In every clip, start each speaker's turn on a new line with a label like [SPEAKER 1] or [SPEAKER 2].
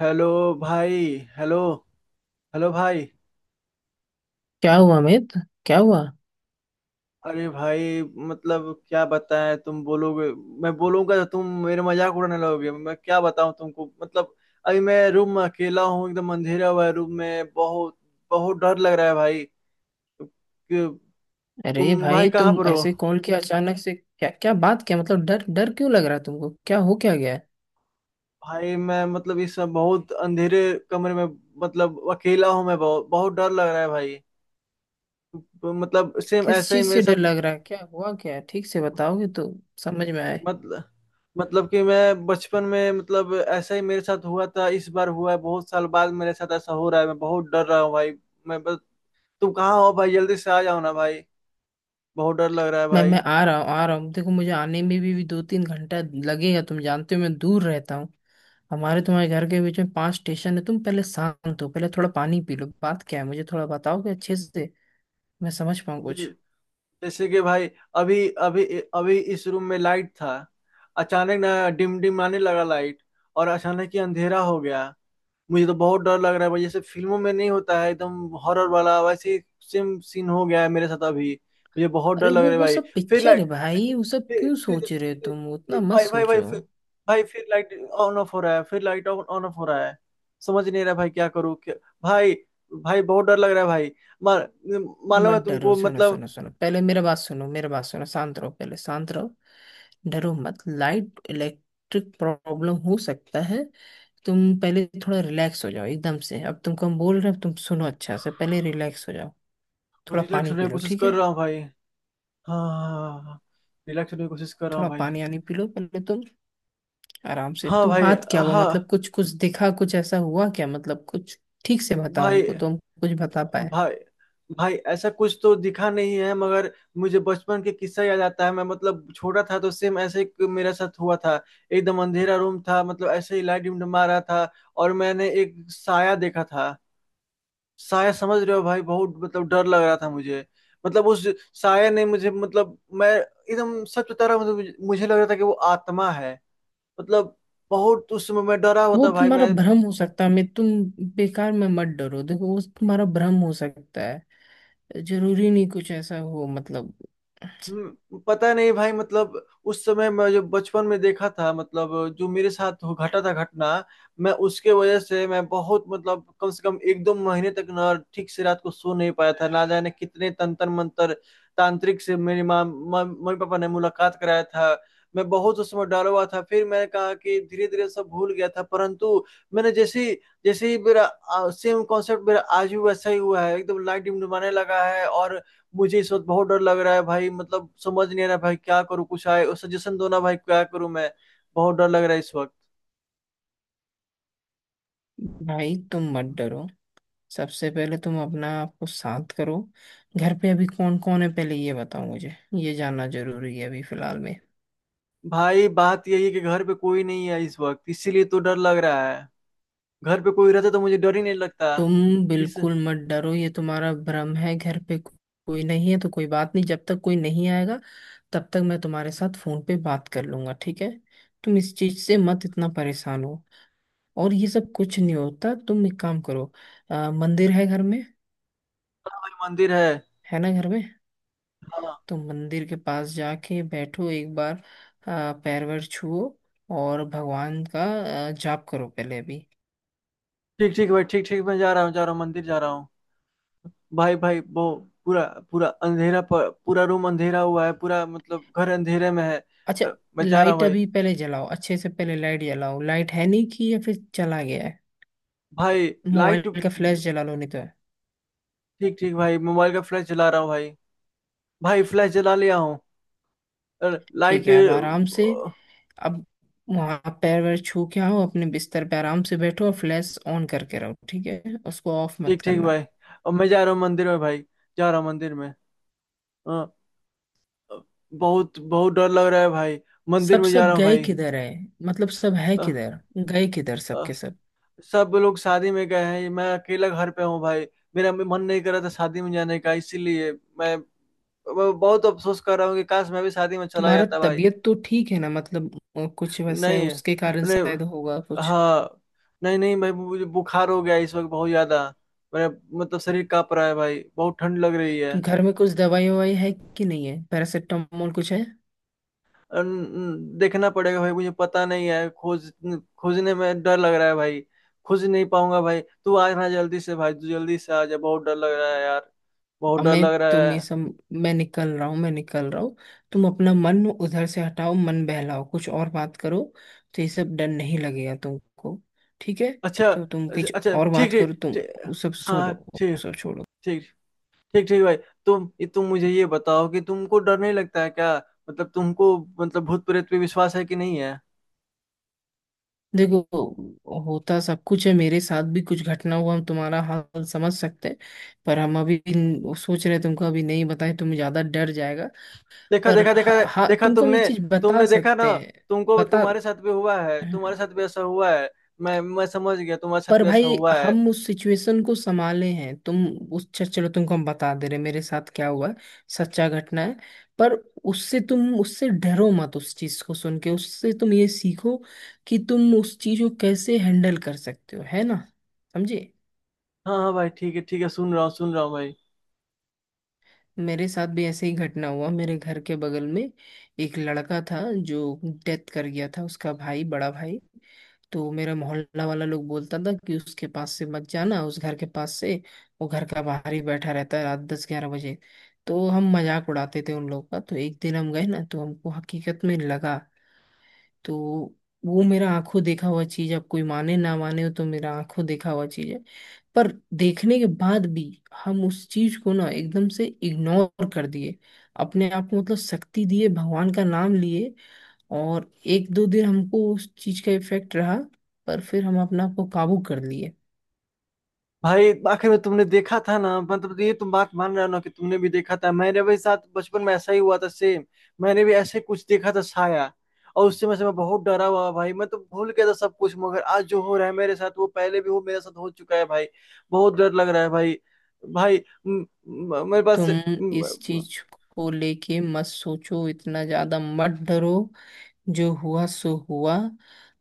[SPEAKER 1] Hello भाई। Hello. Hello भाई।
[SPEAKER 2] क्या हुआ अमित? क्या हुआ?
[SPEAKER 1] अरे भाई, मतलब क्या बताएं? तुम बोलोगे, मैं बोलूंगा तो तुम मेरे मजाक उड़ाने लगोगे। मैं क्या बताऊं तुमको मतलब। अभी मैं रूम में अकेला हूँ, एकदम अंधेरा हुआ है रूम में, बहुत बहुत डर लग रहा है भाई। कि- तुम
[SPEAKER 2] अरे
[SPEAKER 1] भाई
[SPEAKER 2] भाई,
[SPEAKER 1] कहाँ
[SPEAKER 2] तुम
[SPEAKER 1] पर हो?
[SPEAKER 2] ऐसे कॉल किया अचानक से, क्या क्या बात, क्या मतलब, डर डर क्यों लग रहा है तुमको? क्या हो क्या गया है?
[SPEAKER 1] भाई मैं मतलब इस समय बहुत अंधेरे कमरे में मतलब अकेला हूँ, मैं बहुत बहुत डर लग रहा है भाई। मतलब सेम
[SPEAKER 2] किस
[SPEAKER 1] ऐसा ही
[SPEAKER 2] चीज
[SPEAKER 1] मेरे
[SPEAKER 2] से डर
[SPEAKER 1] साथ
[SPEAKER 2] लग रहा है? क्या हुआ क्या है? ठीक से बताओगे तो समझ में आए।
[SPEAKER 1] मतलब। मतलब कि मैं बचपन में मतलब ऐसा ही मेरे साथ हुआ था, इस बार हुआ है बहुत साल बाद, मेरे साथ ऐसा हो रहा है, मैं बहुत डर रहा हूँ भाई। मैं बस तुम कहाँ हो भाई? जल्दी से आ जाओ ना भाई, बहुत डर लग रहा है
[SPEAKER 2] मैं
[SPEAKER 1] भाई।
[SPEAKER 2] आ रहा हूँ, आ रहा हूँ। देखो, मुझे आने में भी 2-3 घंटा लगेगा। तुम जानते हो मैं दूर रहता हूँ। हमारे तुम्हारे घर के बीच में पांच स्टेशन है। तुम पहले शांत हो, पहले थोड़ा पानी पी लो। बात क्या है मुझे थोड़ा बताओगे अच्छे से, मैं समझ पाऊँ कुछ।
[SPEAKER 1] ज- जैसे कि भाई, अभी अभी अभी इस रूम में लाइट था, अचानक ना डिम डिम आने लगा लाइट, और अचानक ही अंधेरा हो गया। मुझे तो बहुत डर लग रहा है भाई। जैसे फिल्मों में नहीं होता है एकदम हॉरर वाला, वैसे ही सेम सीन हो गया है मेरे साथ अभी। मुझे बहुत डर
[SPEAKER 2] अरे
[SPEAKER 1] लग
[SPEAKER 2] वो
[SPEAKER 1] रहा है
[SPEAKER 2] वो
[SPEAKER 1] भाई।
[SPEAKER 2] सब
[SPEAKER 1] फिर
[SPEAKER 2] पिक्चर है
[SPEAKER 1] लाइट,
[SPEAKER 2] भाई।
[SPEAKER 1] फिर
[SPEAKER 2] वो सब
[SPEAKER 1] फिर
[SPEAKER 2] क्यों
[SPEAKER 1] फिर
[SPEAKER 2] सोच रहे हो तुम? उतना मत
[SPEAKER 1] भाई भाई भाई
[SPEAKER 2] सोचो।
[SPEAKER 1] फिर, भाई फिर लाइट ऑन ऑफ हो रहा है, फिर लाइट ऑन ऑन ऑफ हो रहा है। समझ नहीं रहा भाई क्या करूँ क्या? भाई भाई बहुत डर लग रहा है भाई। मा, मालूम
[SPEAKER 2] मत
[SPEAKER 1] है
[SPEAKER 2] डरो।
[SPEAKER 1] तुमको
[SPEAKER 2] सुनो
[SPEAKER 1] मतलब।
[SPEAKER 2] सुनो सुनो, पहले मेरा बात सुनो, मेरा बात सुनो। शांत रहो, पहले शांत रहो। डरो मत। लाइट इलेक्ट्रिक प्रॉब्लम हो सकता है। तुम पहले थोड़ा रिलैक्स हो जाओ एकदम से। अब तुमको हम बोल रहे हैं, अब तुम सुनो अच्छा से, पहले रिलैक्स हो जाओ। थोड़ा
[SPEAKER 1] रिलैक्स
[SPEAKER 2] पानी
[SPEAKER 1] होने
[SPEAKER 2] पी
[SPEAKER 1] की
[SPEAKER 2] लो,
[SPEAKER 1] कोशिश
[SPEAKER 2] ठीक
[SPEAKER 1] कर
[SPEAKER 2] है।
[SPEAKER 1] रहा हूँ भाई। हाँ, रिलैक्स होने की कोशिश कर रहा हूँ
[SPEAKER 2] थोड़ा
[SPEAKER 1] भाई।
[SPEAKER 2] पानी आनी पी लो पहले तुम। आराम से
[SPEAKER 1] हाँ
[SPEAKER 2] तुम,
[SPEAKER 1] भाई।
[SPEAKER 2] बात क्या हुआ?
[SPEAKER 1] हाँ।
[SPEAKER 2] मतलब कुछ कुछ दिखा, कुछ ऐसा हुआ क्या? मतलब कुछ ठीक से बताओ
[SPEAKER 1] भाई
[SPEAKER 2] हमको, तुम कुछ बता पाए।
[SPEAKER 1] भाई भाई ऐसा कुछ तो दिखा नहीं है, मगर मुझे बचपन के किस्सा याद आता है। मैं मतलब छोटा था तो सेम ऐसे ही मेरे साथ हुआ था। एकदम अंधेरा रूम था, मतलब ऐसे ही लाइट डिमडमा रहा था, और मैंने एक साया देखा था। साया, समझ रहे हो भाई? बहुत मतलब डर लग रहा था मुझे मतलब। उस साया ने मुझे मतलब, मैं एकदम सच बता रहा हूँ मतलब, मुझे मुझे लग रहा था कि वो आत्मा है मतलब। बहुत उस समय मैं डरा हुआ
[SPEAKER 2] वो
[SPEAKER 1] था भाई।
[SPEAKER 2] तुम्हारा
[SPEAKER 1] मैं
[SPEAKER 2] भ्रम हो सकता है। मैं तुम बेकार में मत डरो। देखो, वो तुम्हारा भ्रम हो सकता है। जरूरी नहीं कुछ ऐसा हो, मतलब।
[SPEAKER 1] पता नहीं भाई मतलब। उस समय मैं जो बचपन में देखा था मतलब, जो मेरे साथ हो घटा था घटना, मैं उसके वजह से मैं बहुत मतलब कम से कम एक दो महीने तक ना ठीक से रात को सो नहीं पाया था। ना जाने कितने तंत्र मंत्र तांत्रिक से मेरी माँ माँ- मम्मी पापा ने मुलाकात कराया था। मैं बहुत उस समय डरा हुआ था। फिर मैंने कहा कि धीरे धीरे सब भूल गया था, परंतु मैंने जैसे ही मेरा सेम कॉन्सेप्ट मेरा आज भी वैसा ही हुआ है। एकदम लाइट डिमडमाने लगा है, और मुझे इस वक्त बहुत डर लग रहा है भाई। मतलब समझ नहीं आ रहा भाई क्या करूँ? कुछ आए, सजेशन दो ना भाई, क्या करूँ मैं? बहुत डर लग रहा है इस वक्त।
[SPEAKER 2] भाई तुम मत डरो। सबसे पहले तुम अपना आप को शांत करो। घर पे अभी कौन कौन है, पहले ये बताओ मुझे। ये जानना जरूरी है अभी फिलहाल में।
[SPEAKER 1] भाई बात यही है कि घर पे कोई नहीं है इस वक्त, इसीलिए तो डर लग रहा है। घर पे कोई रहता तो मुझे डर ही नहीं लगता।
[SPEAKER 2] तुम
[SPEAKER 1] इस हाँ,
[SPEAKER 2] बिल्कुल मत डरो, ये तुम्हारा भ्रम है। घर पे कोई नहीं है तो कोई बात नहीं। जब तक कोई नहीं आएगा तब तक मैं तुम्हारे साथ फोन पे बात कर लूंगा, ठीक है। तुम इस चीज से मत इतना परेशान हो, और ये सब कुछ नहीं होता। तुम एक काम करो, मंदिर है घर में?
[SPEAKER 1] भाई मंदिर है।
[SPEAKER 2] है ना घर में?
[SPEAKER 1] हाँ।
[SPEAKER 2] तो मंदिर के पास जाके बैठो एक बार। पैर वैर छुओ और भगवान का जाप करो पहले अभी।
[SPEAKER 1] ठीक ठीक भाई, ठीक ठीक, मैं जा रहा हूँ, जा रहा हूँ मंदिर जा रहा हूँ। भाई भाई वो पूरा, पूरा रूम अंधेरा हुआ है, पूरा मतलब घर अंधेरे में है।
[SPEAKER 2] अच्छा,
[SPEAKER 1] मैं जा रहा हूँ
[SPEAKER 2] लाइट
[SPEAKER 1] भाई।
[SPEAKER 2] अभी पहले जलाओ, अच्छे से पहले लाइट जलाओ। लाइट है नहीं कि या फिर चला गया है?
[SPEAKER 1] भाई लाइट।
[SPEAKER 2] मोबाइल का फ्लैश जला लो, नहीं तो है।
[SPEAKER 1] ठीक ठीक भाई, मोबाइल का फ्लैश जला रहा हूँ भाई। भाई फ्लैश जला लिया हूँ।
[SPEAKER 2] ठीक
[SPEAKER 1] लाइट।
[SPEAKER 2] है, अब आराम से, अब वहाँ पैर वैर छू के आओ, अपने बिस्तर पे आराम से बैठो और फ्लैश ऑन करके रहो, ठीक है। उसको ऑफ मत
[SPEAKER 1] ठीक ठीक
[SPEAKER 2] करना।
[SPEAKER 1] भाई, अब मैं जा रहा हूँ मंदिर में भाई। जा रहा हूँ मंदिर में। अ, बहुत बहुत डर लग रहा है भाई। मंदिर
[SPEAKER 2] सब
[SPEAKER 1] में जा
[SPEAKER 2] सब
[SPEAKER 1] रहा हूँ
[SPEAKER 2] गए
[SPEAKER 1] भाई।
[SPEAKER 2] किधर है? मतलब सब है
[SPEAKER 1] अ,
[SPEAKER 2] किधर? गए किधर
[SPEAKER 1] अ,
[SPEAKER 2] सबके सब?
[SPEAKER 1] सब लोग शादी में गए हैं, मैं अकेला घर पे हूँ भाई। मेरा मन नहीं कर रहा था शादी में जाने का, इसीलिए मैं मैं बहुत अफसोस कर रहा हूँ कि काश मैं भी शादी में चला
[SPEAKER 2] तुम्हारा
[SPEAKER 1] जाता भाई।
[SPEAKER 2] तबीयत तो ठीक है ना? मतलब कुछ वैसे
[SPEAKER 1] नहीं।
[SPEAKER 2] उसके कारण
[SPEAKER 1] नहीं।
[SPEAKER 2] शायद होगा कुछ।
[SPEAKER 1] हाँ। नहीं नहीं भाई, मुझे बुखार हो गया इस वक्त बहुत ज्यादा। मेरा मतलब शरीर कांप रहा है भाई, बहुत ठंड लग रही है।
[SPEAKER 2] तुम घर में कुछ दवाई ववाई है कि नहीं है? पैरासिटामोल कुछ है?
[SPEAKER 1] देखना पड़ेगा भाई, मुझे पता नहीं है। खोजने में डर लग रहा है भाई। खोज नहीं पाऊंगा भाई, तू आ रहा जल्दी से भाई, तू जल्दी से आ जा, बहुत डर लग रहा है यार। बहुत
[SPEAKER 2] अब
[SPEAKER 1] डर
[SPEAKER 2] मैं
[SPEAKER 1] लग रहा
[SPEAKER 2] तुम ये
[SPEAKER 1] है।
[SPEAKER 2] सब, मैं निकल रहा हूँ, मैं निकल रहा हूँ। तुम अपना मन उधर से हटाओ, मन बहलाओ कुछ और बात करो तो ये सब डर नहीं लगेगा तुमको, ठीक है।
[SPEAKER 1] अच्छा
[SPEAKER 2] तो तुम
[SPEAKER 1] अच्छा
[SPEAKER 2] कुछ
[SPEAKER 1] अच्छा,
[SPEAKER 2] और
[SPEAKER 1] ठीक
[SPEAKER 2] बात
[SPEAKER 1] ठीक
[SPEAKER 2] करो तुम। वो सब छोड़ो,
[SPEAKER 1] हाँ
[SPEAKER 2] वो
[SPEAKER 1] ठीक।
[SPEAKER 2] सब छोड़ो।
[SPEAKER 1] ठीक। ठीक ठीक भाई। तुम तुम मुझे ये बताओ कि तुमको डर नहीं लगता है क्या? मतलब तुमको मतलब भूत प्रेत पे विश्वास है कि नहीं है?
[SPEAKER 2] देखो, होता सब कुछ है, मेरे साथ भी कुछ घटना हुआ, हम तुम्हारा हाल समझ सकते हैं। पर हम अभी सोच रहे हैं तुमको अभी नहीं बताएं, तुम ज्यादा डर जाएगा।
[SPEAKER 1] देखा
[SPEAKER 2] पर
[SPEAKER 1] देखा देखा।
[SPEAKER 2] हाँ,
[SPEAKER 1] देखा
[SPEAKER 2] तुमको हम ये
[SPEAKER 1] तुमने,
[SPEAKER 2] चीज बता
[SPEAKER 1] तुमने देखा
[SPEAKER 2] सकते
[SPEAKER 1] ना?
[SPEAKER 2] हैं।
[SPEAKER 1] तुमको
[SPEAKER 2] बता।
[SPEAKER 1] तुम्हारे साथ भी हुआ है, तुम्हारे साथ भी ऐसा हुआ है। मैं समझ गया, तुम्हारे साथ
[SPEAKER 2] पर
[SPEAKER 1] भी ऐसा
[SPEAKER 2] भाई,
[SPEAKER 1] हुआ है।
[SPEAKER 2] हम उस सिचुएशन को संभाले हैं। तुम उस चलो तुमको हम बता दे रहे हैं, मेरे साथ क्या हुआ है, सच्चा घटना है। पर उससे तुम उससे डरो मत, उस चीज को सुन के उससे तुम ये सीखो कि तुम उस चीज को कैसे हैंडल कर सकते हो, है ना। समझे।
[SPEAKER 1] हाँ हाँ भाई, ठीक है ठीक है, सुन रहा हूँ भाई।
[SPEAKER 2] मेरे साथ भी ऐसे ही घटना हुआ, मेरे घर के बगल में एक लड़का था जो डेथ कर गया था, उसका भाई, बड़ा भाई। तो मेरा मोहल्ला वाला लोग बोलता था कि उसके पास से मत जाना, उस घर के पास से। वो घर का बाहर ही बैठा रहता है रात 10-11 बजे। तो हम मजाक उड़ाते थे उन लोग का। तो एक दिन हम गए ना, तो हमको हकीकत में लगा। तो वो मेरा आंखों देखा हुआ चीज, आप कोई माने ना माने, हो तो मेरा आंखों देखा हुआ चीज है। पर देखने के बाद भी हम उस चीज को ना एकदम से इग्नोर कर दिए, अपने आप को मतलब शक्ति दिए, भगवान का नाम लिए। और एक दो दिन हमको उस चीज का इफेक्ट रहा। पर फिर हम अपने आप को काबू कर लिए।
[SPEAKER 1] भाई आखिर में तुमने देखा था ना? मतलब ये तुम बात मान रहे हो ना कि तुमने भी देखा था? मेरे भी साथ बचपन में ऐसा ही हुआ था सेम। मैंने भी ऐसे कुछ देखा था साया, और उससे मैं बहुत डरा हुआ भाई। मैं तो भूल गया था सब कुछ, मगर आज जो हो रहा है मेरे साथ, वो पहले भी वो मेरे साथ हो चुका है भाई। बहुत डर लग रहा है भाई। भाई म, म, मेरे पास।
[SPEAKER 2] तुम इस चीज को लेके मत सोचो, इतना ज्यादा मत डरो। जो हुआ सो हुआ।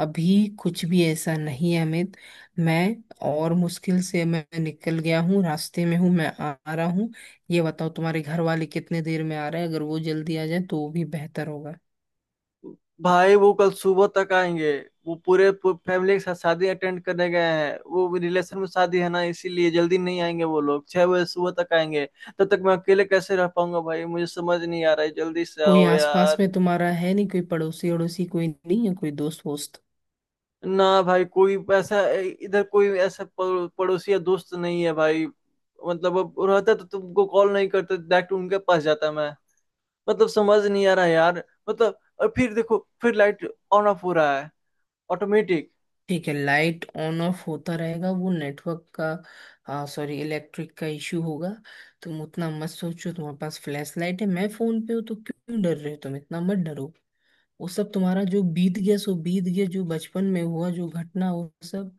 [SPEAKER 2] अभी कुछ भी ऐसा नहीं है अमित। मैं, और मुश्किल से मैं निकल गया हूँ, रास्ते में हूँ, मैं आ आ रहा हूँ। ये बताओ तुम्हारे घर वाले कितने देर में आ रहे हैं? अगर वो जल्दी आ जाए तो वो भी बेहतर होगा।
[SPEAKER 1] भाई वो कल सुबह तक आएंगे, वो पूरे फैमिली के साथ शादी अटेंड करने गए हैं। वो रिलेशन में शादी है ना, इसीलिए जल्दी नहीं आएंगे। वो लोग छह बजे सुबह तक आएंगे। तब तक मैं अकेले कैसे रह पाऊंगा भाई? मुझे समझ नहीं आ रहा है, जल्दी से
[SPEAKER 2] कोई
[SPEAKER 1] आओ
[SPEAKER 2] आसपास
[SPEAKER 1] यार।
[SPEAKER 2] में तुम्हारा है नहीं, कोई पड़ोसी अड़ोसी कोई नहीं है? कोई दोस्त वोस्त?
[SPEAKER 1] ना भाई, कोई ऐसा, इधर कोई ऐसा पड़ोसी या दोस्त नहीं है भाई। मतलब अब रहता तो तुमको कॉल नहीं करते, डायरेक्ट उनके पास जाता मैं। मतलब समझ नहीं आ रहा यार। मतलब, और फिर देखो फिर लाइट ऑन ऑफ हो रहा है ऑटोमेटिक।
[SPEAKER 2] ठीक है, लाइट ऑन ऑफ होता रहेगा, वो नेटवर्क का सॉरी इलेक्ट्रिक का इशू होगा। तुम उतना मत सोचो। तुम्हारे पास फ्लैश लाइट है, मैं फोन पे हूँ, तो क्यों डर रहे हो तुम? इतना मत डरो। वो सब तुम्हारा जो बीत गया सो बीत गया। जो बचपन में हुआ जो घटना, वो सब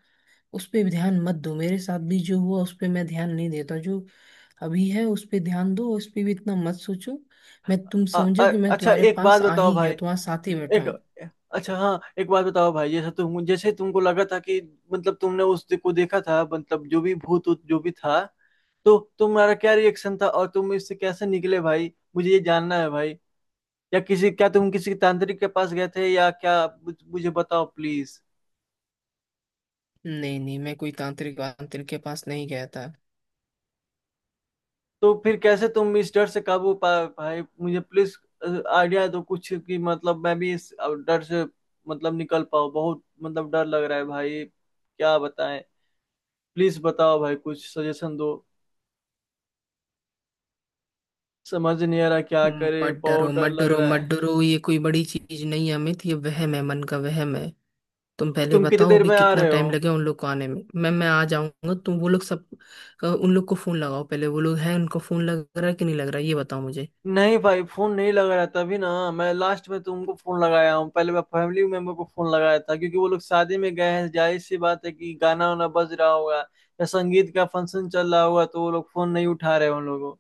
[SPEAKER 2] उस पे ध्यान मत दो। मेरे साथ भी जो हुआ उस पे मैं ध्यान नहीं देता। जो अभी है उस पे ध्यान दो, उस पे भी इतना मत सोचो। मैं तुम समझो कि मैं
[SPEAKER 1] अच्छा
[SPEAKER 2] तुम्हारे
[SPEAKER 1] एक
[SPEAKER 2] पास
[SPEAKER 1] बात
[SPEAKER 2] आ
[SPEAKER 1] बताओ
[SPEAKER 2] ही
[SPEAKER 1] भाई।
[SPEAKER 2] गया, तुम्हारे साथ ही बैठा
[SPEAKER 1] एक,
[SPEAKER 2] हूँ।
[SPEAKER 1] अच्छा हाँ, एक बात बताओ भाई, जैसा तुम जैसे तुमको लगा था कि मतलब तुमने उस को देखा था, मतलब जो भी भूत ऊत जो भी था, तो तुम्हारा क्या रिएक्शन था? और तुम इससे कैसे निकले भाई? मुझे ये जानना है भाई, या किसी क्या तुम किसी तांत्रिक के पास गए थे या क्या? मुझे बताओ प्लीज।
[SPEAKER 2] नहीं नहीं, मैं कोई तांत्रिक वांत्रिक के पास नहीं गया था।
[SPEAKER 1] तो फिर कैसे तुम इस डर से काबू पाए भाई? मुझे प्लीज आइडिया दो कुछ कि मतलब मैं भी इस डर से मतलब निकल पाऊँ। बहुत मतलब डर लग रहा है भाई, क्या बताएं? प्लीज बताओ भाई, कुछ सजेशन दो। समझ नहीं आ रहा क्या करे,
[SPEAKER 2] मत डरो
[SPEAKER 1] बहुत डर
[SPEAKER 2] मत
[SPEAKER 1] लग
[SPEAKER 2] डरो
[SPEAKER 1] रहा
[SPEAKER 2] मत
[SPEAKER 1] है।
[SPEAKER 2] डरो। ये कोई बड़ी चीज नहीं है अमित, ये वहम है, मन का वहम है। तुम पहले
[SPEAKER 1] तुम कितने
[SPEAKER 2] बताओ,
[SPEAKER 1] देर
[SPEAKER 2] अभी
[SPEAKER 1] में आ
[SPEAKER 2] कितना
[SPEAKER 1] रहे हो?
[SPEAKER 2] टाइम लगेगा उन लोग को आने में। मैं आ जाऊंगा। तुम वो लोग सब, उन लोग को फोन लगाओ पहले। वो लोग हैं, उनको फोन लग रहा है कि नहीं लग रहा है, ये बताओ मुझे।
[SPEAKER 1] नहीं भाई फोन नहीं लग रहा, तभी ना मैं लास्ट में तुमको फोन लगाया हूँ। पहले मैं फैमिली मेंबर को फोन लगाया था, क्योंकि वो लोग शादी में गए हैं, जाहिर सी बात है कि गाना वाना बज रहा होगा या संगीत का फंक्शन चल रहा होगा, तो वो लोग फोन नहीं उठा रहे हैं उन लोगों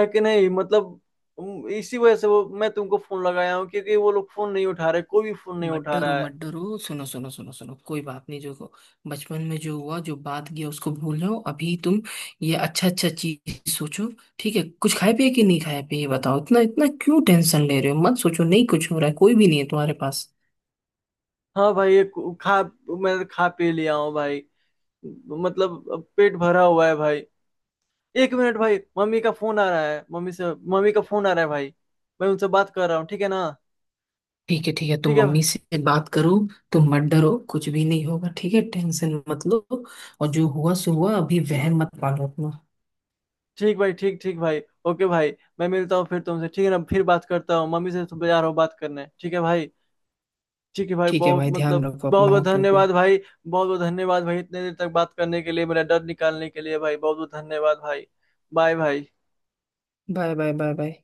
[SPEAKER 1] है कि नहीं मतलब। इसी वजह से वो मैं तुमको फोन लगाया हूँ, क्योंकि वो लोग फोन नहीं उठा रहे, कोई भी फोन नहीं
[SPEAKER 2] मत
[SPEAKER 1] उठा
[SPEAKER 2] डरो
[SPEAKER 1] रहा
[SPEAKER 2] मत
[SPEAKER 1] है।
[SPEAKER 2] डरो, सुनो सुनो सुनो सुनो, कोई बात नहीं। जो बचपन में जो हुआ, जो बात गया उसको भूल जाओ अभी तुम। ये अच्छा अच्छा चीज सोचो। ठीक है, कुछ खाए पिए कि नहीं खाए पिए ये बताओ। इतना इतना क्यों टेंशन ले रहे हो? मत सोचो, नहीं कुछ हो रहा है, कोई भी नहीं है तुम्हारे पास।
[SPEAKER 1] हाँ भाई, ये खा, मैं खा पी लिया हूँ भाई, मतलब अब पेट भरा हुआ है भाई। एक मिनट भाई, मम्मी का फोन आ रहा है, मम्मी से, मम्मी का फोन आ रहा है भाई। मैं उनसे बात कर रहा हूँ, ठीक है ना?
[SPEAKER 2] ठीक है ठीक है, तुम
[SPEAKER 1] ठीक है।
[SPEAKER 2] मम्मी से बात करो। तुम मत डरो, कुछ भी नहीं होगा ठीक है। टेंशन मत लो, और जो हुआ सो हुआ, अभी वहम मत पालो अपना।
[SPEAKER 1] ठीक भाई, ठीक ठीक भाई, ओके भाई, मैं मिलता हूँ फिर तुमसे, ठीक है ना? फिर बात करता हूँ, मम्मी से तो जा रहा हूँ बात करने, ठीक है भाई? ठीक है भाई,
[SPEAKER 2] ठीक है
[SPEAKER 1] बहुत
[SPEAKER 2] भाई, ध्यान
[SPEAKER 1] मतलब
[SPEAKER 2] रखो
[SPEAKER 1] बहुत
[SPEAKER 2] अपना,
[SPEAKER 1] बहुत
[SPEAKER 2] ओके ओके।
[SPEAKER 1] धन्यवाद भाई। बहुत बहुत धन्यवाद भाई, इतने देर तक बात करने के लिए, मेरा डर निकालने के लिए भाई। बहुत बहुत धन्यवाद भाई। बाय भाई।
[SPEAKER 2] Bye bye bye bye.